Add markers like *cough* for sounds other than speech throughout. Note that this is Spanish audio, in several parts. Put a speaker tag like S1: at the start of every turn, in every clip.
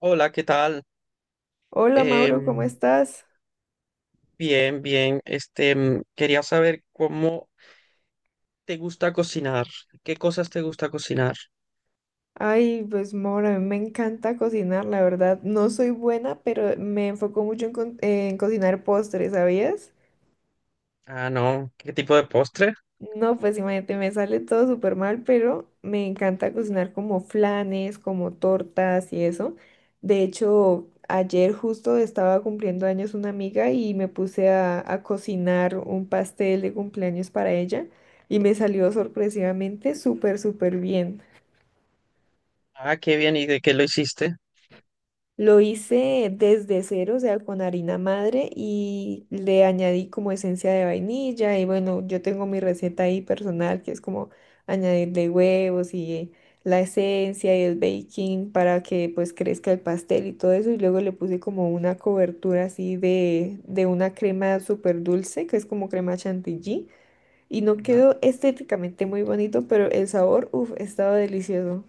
S1: Hola, ¿qué tal?
S2: Hola Mauro, ¿cómo
S1: Em,
S2: estás?
S1: bien, bien. Quería saber cómo te gusta cocinar. ¿Qué cosas te gusta cocinar?
S2: Ay, pues Mauro, a mí me encanta cocinar, la verdad. No soy buena, pero me enfoco mucho en cocinar postres, ¿sabías?
S1: Ah, no. ¿Qué tipo de postre?
S2: No, pues imagínate, me sale todo súper mal, pero me encanta cocinar como flanes, como tortas y eso. De hecho, ayer justo estaba cumpliendo años una amiga y me puse a cocinar un pastel de cumpleaños para ella y me salió sorpresivamente súper, súper bien.
S1: Ah, qué bien. ¿Y de qué lo hiciste?
S2: Lo hice desde cero, o sea, con harina madre y le añadí como esencia de vainilla y bueno, yo tengo mi receta ahí personal que es como añadirle huevos y la esencia y el baking para que pues crezca el pastel y todo eso y luego le puse como una cobertura así de una crema súper dulce que es como crema chantilly y no
S1: Ajá.
S2: quedó estéticamente muy bonito, pero el sabor, uff, estaba delicioso.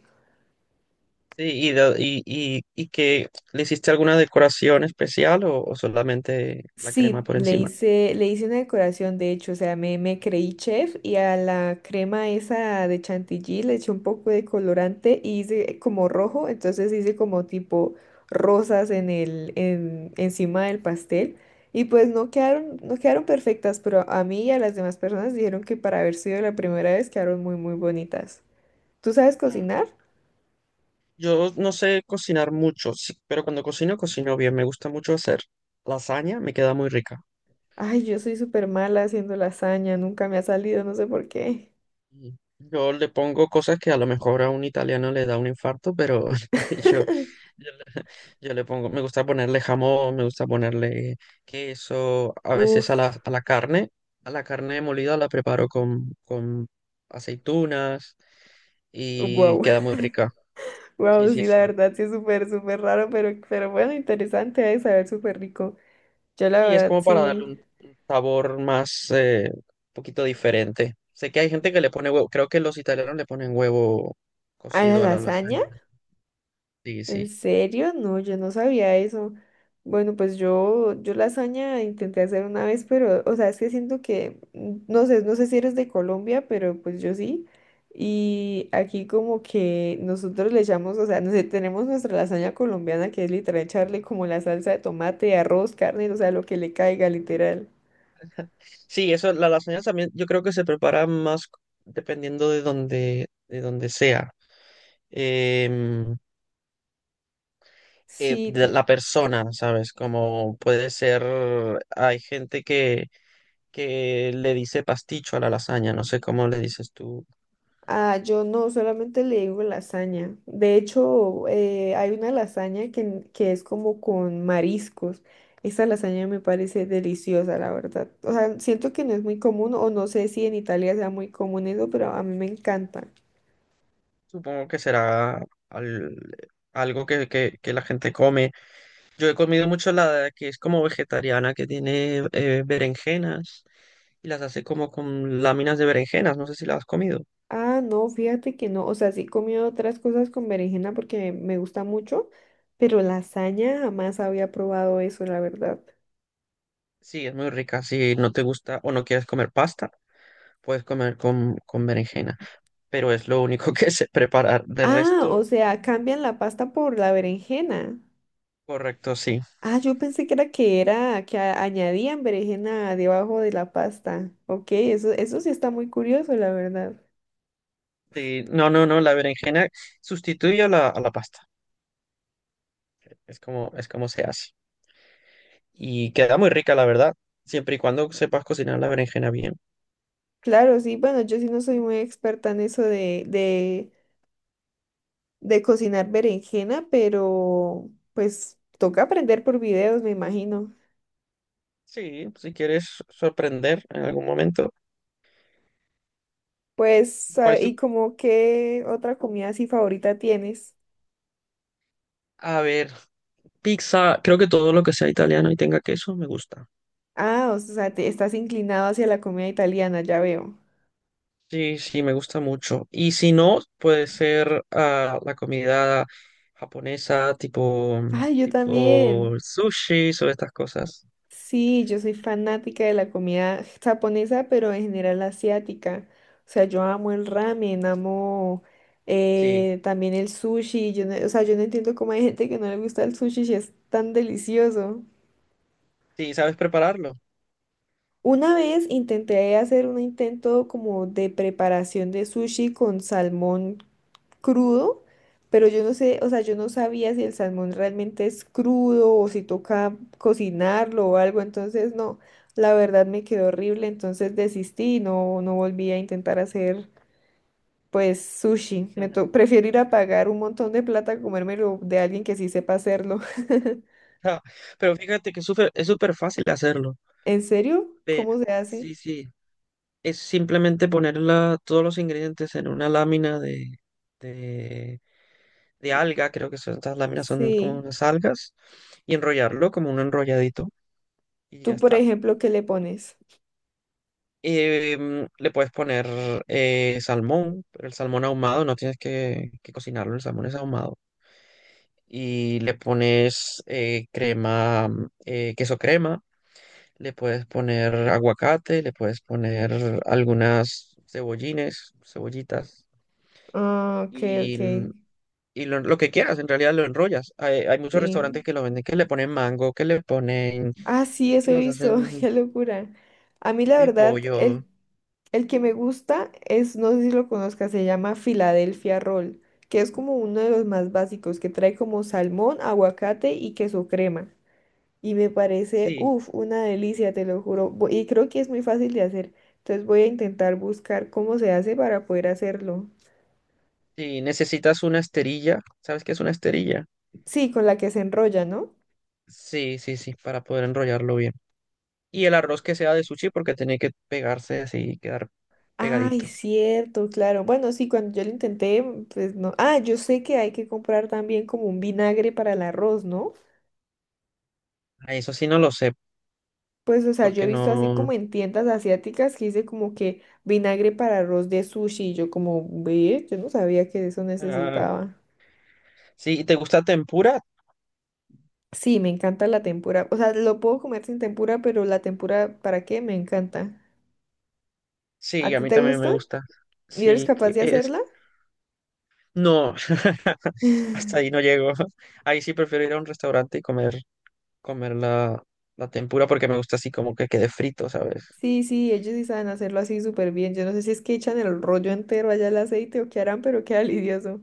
S1: Sí, y que le hiciste alguna decoración especial o solamente la
S2: Sí,
S1: crema por encima.
S2: le hice una decoración, de hecho, o sea, me creí chef y a la crema esa de chantilly le eché un poco de colorante y hice como rojo, entonces hice como tipo rosas encima del pastel y pues no quedaron, no quedaron perfectas, pero a mí y a las demás personas dijeron que para haber sido la primera vez quedaron muy, muy bonitas. ¿Tú sabes
S1: Ah,
S2: cocinar?
S1: yo no sé cocinar mucho, sí, pero cuando cocino, cocino bien. Me gusta mucho hacer lasaña, me queda muy rica.
S2: Ay, yo soy súper mala haciendo lasaña, nunca me ha salido, no sé por qué.
S1: Yo le pongo cosas que a lo mejor a un italiano le da un infarto, pero *laughs* yo,
S2: *laughs*
S1: yo, le yo le pongo, me gusta ponerle jamón, me gusta ponerle queso, a veces
S2: Uf,
S1: a a la carne molida la preparo con aceitunas y
S2: wow.
S1: queda muy rica. Sí,
S2: Wow,
S1: sí,
S2: sí, la
S1: sí.
S2: verdad sí es súper, súper raro, pero bueno, interesante de saber, súper rico. Yo la
S1: Y es
S2: verdad
S1: como para darle
S2: sí.
S1: un sabor más, un poquito diferente. Sé que hay gente que le pone huevo, creo que los italianos le ponen huevo
S2: ¿A la
S1: cocido a la
S2: lasaña?
S1: lasaña, ¿no? Sí,
S2: ¿En
S1: sí.
S2: serio? No, yo no sabía eso. Bueno, pues yo lasaña intenté hacer una vez, pero, o sea, es que siento que, no sé, no sé si eres de Colombia, pero pues yo sí. Y aquí como que nosotros le echamos, o sea, no sé, tenemos nuestra lasaña colombiana que es literal echarle como la salsa de tomate, arroz, carne, o sea, lo que le caiga, literal.
S1: Sí, eso, la lasaña también yo creo que se prepara más dependiendo de de donde sea. Em,
S2: Sí,
S1: de
S2: te-
S1: la persona, ¿sabes? Como puede ser, hay gente que le dice pasticho a la lasaña, no sé cómo le dices tú.
S2: Ah, yo no, solamente le digo lasaña. De hecho, hay una lasaña que es como con mariscos. Esa lasaña me parece deliciosa, la verdad. O sea, siento que no es muy común, o no sé si en Italia sea muy común eso, pero a mí me encanta.
S1: Supongo que será al- algo que la gente come. Yo he comido mucho la que es como vegetariana, que tiene berenjenas y las hace como con láminas de berenjenas, no sé si la has comido.
S2: Ah, no, fíjate que no. O sea, sí he comido otras cosas con berenjena porque me gusta mucho, pero lasaña jamás había probado eso, la verdad.
S1: Sí, es muy rica. Si no te gusta o no quieres comer pasta, puedes comer con berenjena, pero es lo único *laughs* que sé preparar. De
S2: Ah, o
S1: resto,
S2: sea, cambian la pasta por la berenjena.
S1: correcto, sí.
S2: Ah, yo pensé que era que añadían berenjena debajo de la pasta. Ok, eso sí está muy curioso, la verdad.
S1: Sí, no, no, no, la berenjena sustituye a a la pasta. Es como se hace. Y queda muy rica, la verdad, siempre y cuando sepas cocinar la berenjena bien.
S2: Claro, sí, bueno, yo sí no soy muy experta en eso de cocinar berenjena, pero pues toca aprender por videos, me imagino.
S1: Sí, si quieres sorprender en algún momento.
S2: Pues,
S1: ¿Cuál
S2: ah,
S1: es tu...
S2: ¿y como qué otra comida así favorita tienes?
S1: A ver, pizza, creo que todo lo que sea italiano y tenga queso me gusta.
S2: Ah, o sea, te estás inclinado hacia la comida italiana, ya veo.
S1: Sí, sí, me gusta mucho. Y si no, puede ser la comida japonesa,
S2: Ay, yo
S1: tipo
S2: también.
S1: sushi o estas cosas.
S2: Sí, yo soy fanática de la comida japonesa, pero en general asiática. O sea, yo amo el ramen, amo
S1: Sí,
S2: también el sushi. Yo no- o sea, yo no entiendo cómo hay gente que no le gusta el sushi si es tan delicioso.
S1: sí, sabes prepararlo.
S2: Una vez intenté hacer un intento como de preparación de sushi con salmón crudo, pero yo no sé, o sea, yo no sabía si el salmón realmente es crudo o si toca cocinarlo o algo, entonces no, la verdad me quedó horrible, entonces desistí y no, no volví a intentar hacer pues sushi. Me to- prefiero ir a pagar un montón de plata a comérmelo de alguien que sí sepa hacerlo. *laughs*
S1: Ja, pero fíjate que es súper fácil hacerlo.
S2: ¿En serio?
S1: Pero,
S2: ¿Cómo se hace?
S1: sí, sí, es simplemente poner todos los ingredientes en una lámina de, de alga, creo que son, estas láminas son como
S2: Sí.
S1: unas algas, y enrollarlo como un enrolladito, y ya
S2: Tú, por
S1: está.
S2: ejemplo, ¿qué le pones?
S1: Le puedes poner salmón, pero el salmón ahumado, no tienes que cocinarlo, el salmón es ahumado. Y le pones crema, queso crema, le puedes poner aguacate, le puedes poner algunas cebollines, cebollitas,
S2: Ah, ok,
S1: y,
S2: ok.
S1: mm, y lo que quieras, en realidad lo enrollas. Hay muchos
S2: Sí.
S1: restaurantes que lo venden, que le ponen mango, que le ponen,
S2: Ah, sí, eso
S1: que
S2: he
S1: los
S2: visto, *laughs*
S1: hacen
S2: qué locura. A mí la
S1: de
S2: verdad,
S1: pollo.
S2: el que me gusta es, no sé si lo conozcas, se llama Philadelphia Roll, que es como uno de los más básicos, que trae como salmón, aguacate y queso crema. Y me parece,
S1: Sí,
S2: uff, una delicia, te lo juro. Vo- Y creo que es muy fácil de hacer. Entonces voy a intentar buscar cómo se hace para poder hacerlo.
S1: sí, necesitas una esterilla. ¿Sabes qué es una esterilla?
S2: Sí, con la que se enrolla, ¿no?
S1: Sí, sí, sí, para poder enrollarlo bien. Y el arroz que sea de sushi porque tiene que pegarse así y quedar
S2: Ay,
S1: pegadito.
S2: cierto, claro. Bueno, sí, cuando yo lo intenté, pues no. Ah, yo sé que hay que comprar también como un vinagre para el arroz, ¿no?
S1: Ah, eso sí no lo sé,
S2: Pues, o sea, yo he
S1: porque
S2: visto así como
S1: no...
S2: en tiendas asiáticas que dice como que vinagre para arroz de sushi. Y yo como, ve, yo no sabía que eso
S1: ah,
S2: necesitaba.
S1: sí, ¿te gusta tempura?
S2: Sí, me encanta la tempura. O sea, lo puedo comer sin tempura, pero la tempura, ¿para qué? Me encanta. ¿A
S1: Sí, a
S2: ti
S1: mí
S2: te
S1: también me
S2: gusta?
S1: gusta.
S2: ¿Y eres
S1: Sí,
S2: capaz
S1: que
S2: de
S1: es...
S2: hacerla?
S1: No, *laughs* hasta
S2: *laughs*
S1: ahí no llego. *laughs* Ahí sí prefiero ir a un restaurante y comer, comer la tempura porque me gusta así como que quede frito, ¿sabes?
S2: Sí,
S1: *laughs*
S2: sí, ellos sí saben hacerlo así súper bien. Yo no sé si es que echan el rollo entero allá al aceite o qué harán, pero queda lidioso.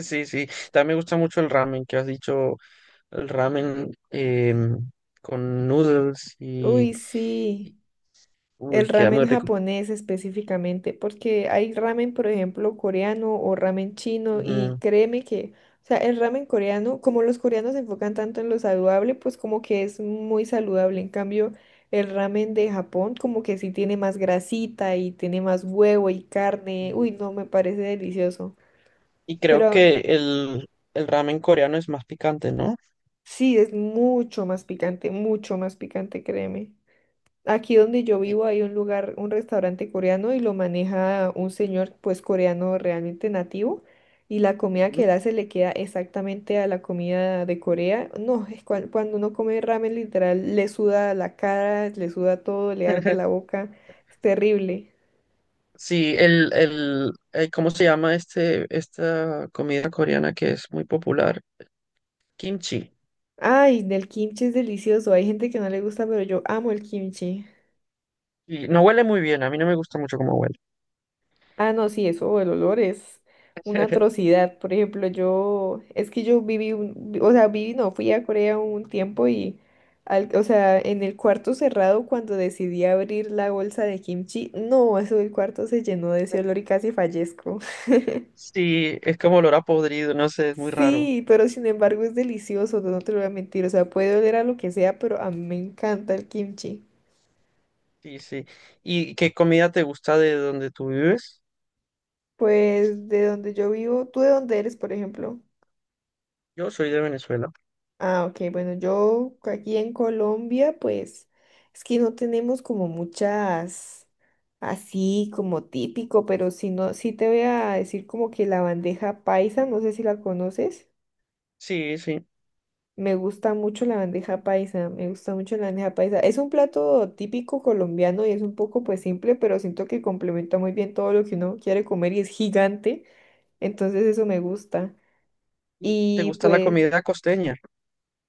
S1: Sí, sí. También me gusta mucho el ramen que has dicho, el ramen con noodles
S2: Uy,
S1: y-
S2: sí, el
S1: uy, queda muy
S2: ramen
S1: rico.
S2: japonés específicamente, porque hay ramen, por ejemplo, coreano o ramen chino y
S1: Ujú.
S2: créeme que, o sea, el ramen coreano, como los coreanos se enfocan tanto en lo saludable, pues como que es muy saludable. En cambio, el ramen de Japón como que sí tiene más grasita y tiene más huevo y carne.
S1: Y
S2: Uy, no, me parece delicioso.
S1: y creo
S2: Pero
S1: que el ramen coreano es más picante, ¿no?
S2: Sí, es mucho más picante, créeme. Aquí donde yo
S1: Eh,
S2: vivo hay un lugar, un restaurante coreano y lo maneja un señor pues coreano realmente nativo y la comida que
S1: ujú.
S2: él hace le queda exactamente a la comida de Corea. No, es cuan- cuando uno come ramen literal le suda la cara, le suda todo, le arde la
S1: *laughs*
S2: boca, es terrible.
S1: Sí, ¿cómo se llama esta comida coreana que es muy popular? Kimchi.
S2: Ay, del kimchi es delicioso, hay gente que no le gusta, pero yo amo el kimchi.
S1: Y no huele muy bien, a mí no me gusta mucho cómo huele.
S2: Ah, no, sí, eso, el olor es una
S1: *laughs*
S2: atrocidad. Por ejemplo, yo, es que yo viví, un- o sea, viví, no, fui a Corea un tiempo y, al- o sea, en el cuarto cerrado cuando decidí abrir la bolsa de kimchi, no, eso del cuarto se llenó de ese olor y casi fallezco. *laughs*
S1: Sí, es como olor a podrido, no sé, es muy raro.
S2: Sí, pero sin embargo es delicioso, no te lo voy a mentir, o sea, puede oler a lo que sea, pero a mí me encanta el kimchi.
S1: Sí, sí. ¿Y qué comida te gusta de donde tú vives?
S2: Pues de donde yo vivo, ¿tú de dónde eres, por ejemplo?
S1: Yo soy de Venezuela.
S2: Ah, ok, bueno, yo aquí en Colombia, pues es que no tenemos como muchas así como típico, pero si no, sí te voy a decir como que la bandeja paisa, no sé si la conoces.
S1: Sí, sí.
S2: Me gusta mucho la bandeja paisa, me gusta mucho la bandeja paisa. Es un plato típico colombiano y es un poco pues simple, pero siento que complementa muy bien todo lo que uno quiere comer y es gigante, entonces eso me gusta.
S1: ¿Y te
S2: Y
S1: gusta la
S2: pues
S1: comida costeña?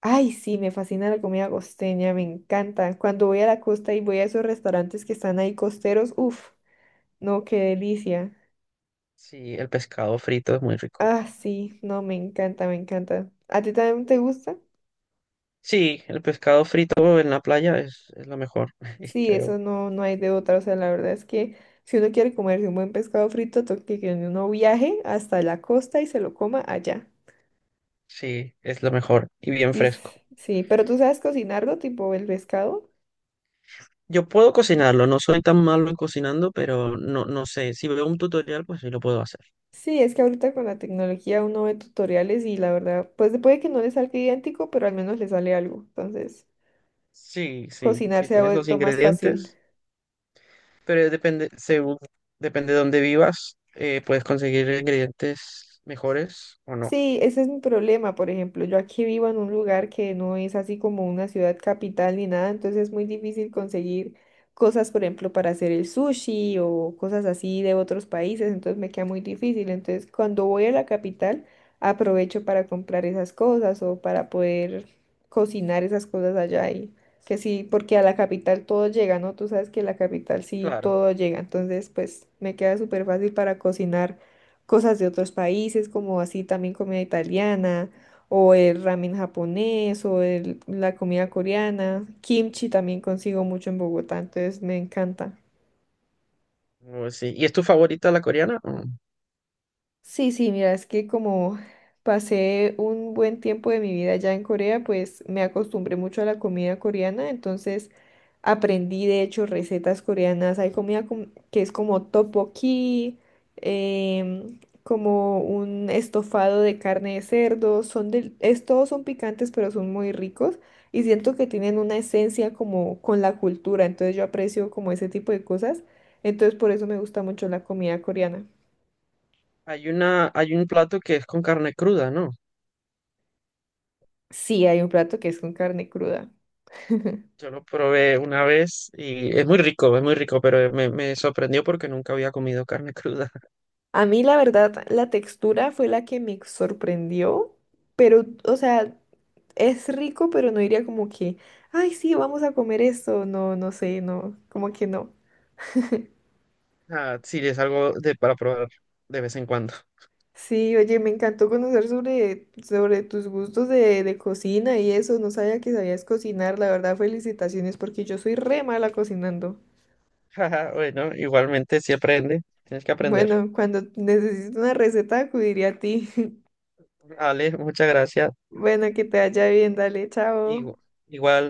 S2: Ay, sí, me fascina la comida costeña, me encanta. Cuando voy a la costa y voy a esos restaurantes que están ahí costeros, uff, no, qué delicia.
S1: Sí, el pescado frito es muy rico.
S2: Ah, sí, no, me encanta, me encanta. ¿A ti también te gusta?
S1: Sí, el pescado frito en la playa es lo mejor, *laughs*
S2: Sí, eso
S1: creo.
S2: no, no hay de otra. O sea, la verdad es que si uno quiere comerse un buen pescado frito, toca que uno viaje hasta la costa y se lo coma allá.
S1: Sí, es lo mejor y bien
S2: Y
S1: fresco.
S2: s- sí, pero tú sabes cocinarlo, tipo el pescado.
S1: Yo puedo cocinarlo, no soy tan malo en cocinando, pero no, no sé. Si veo un tutorial, pues sí lo puedo hacer.
S2: Sí, es que ahorita con la tecnología uno ve tutoriales y la verdad, pues puede que no le salga idéntico, pero al menos le sale algo. Entonces,
S1: Sí, sí,
S2: cocinar
S1: sí,
S2: se ha
S1: tienes los
S2: vuelto más fácil.
S1: ingredientes, pero depende, depende de dónde vivas, puedes conseguir ingredientes mejores o no.
S2: Sí, ese es mi problema, por ejemplo. Yo aquí vivo en un lugar que no es así como una ciudad capital ni nada, entonces es muy difícil conseguir cosas, por ejemplo, para hacer el sushi o cosas así de otros países, entonces me queda muy difícil. Entonces, cuando voy a la capital, aprovecho para comprar esas cosas o para poder cocinar esas cosas allá y que sí, porque a la capital todo llega, ¿no? Tú sabes que a la capital sí
S1: Claro.
S2: todo llega, entonces pues me queda súper fácil para cocinar cosas de otros países, como así también comida italiana, o el ramen japonés, o el- la comida coreana. Kimchi también consigo mucho en Bogotá, entonces me encanta.
S1: Oh, sí. ¿Y es tu favorita la coreana? Mm.
S2: Sí, sí, mira, es que como pasé un buen tiempo de mi vida allá en Corea, pues me acostumbré mucho a la comida coreana, entonces aprendí de hecho recetas coreanas. Hay comida com- que es como tteokbokki, como un estofado de carne de cerdo, son del, es, todos son picantes, pero son muy ricos y siento que tienen una esencia como con la cultura, entonces yo aprecio como ese tipo de cosas, entonces por eso me gusta mucho la comida coreana.
S1: Hay una, hay un plato que es con carne cruda, ¿no?
S2: Sí, hay un plato que es con carne cruda.
S1: Yo lo probé una vez y es muy rico, pero me sorprendió porque nunca había comido carne cruda. *laughs*
S2: A mí, la verdad, la textura fue la que me sorprendió, pero, o sea, es rico, pero no diría como que, ay, sí, vamos a comer esto. No, no sé, no, como que no.
S1: Ah, sí, es algo de, para probar de vez en cuando. *laughs*
S2: Sí, oye, me encantó conocer sobre, sobre tus gustos de cocina y eso. No sabía que sabías cocinar, la verdad, felicitaciones, porque yo soy re mala cocinando.
S1: Ajá, bueno, igualmente si aprende, tienes que aprender.
S2: Bueno, cuando necesito una receta, acudiría a ti. *laughs*
S1: Ale, muchas gracias.
S2: Bueno, que te vaya bien, dale, chao.
S1: Igu- Igual.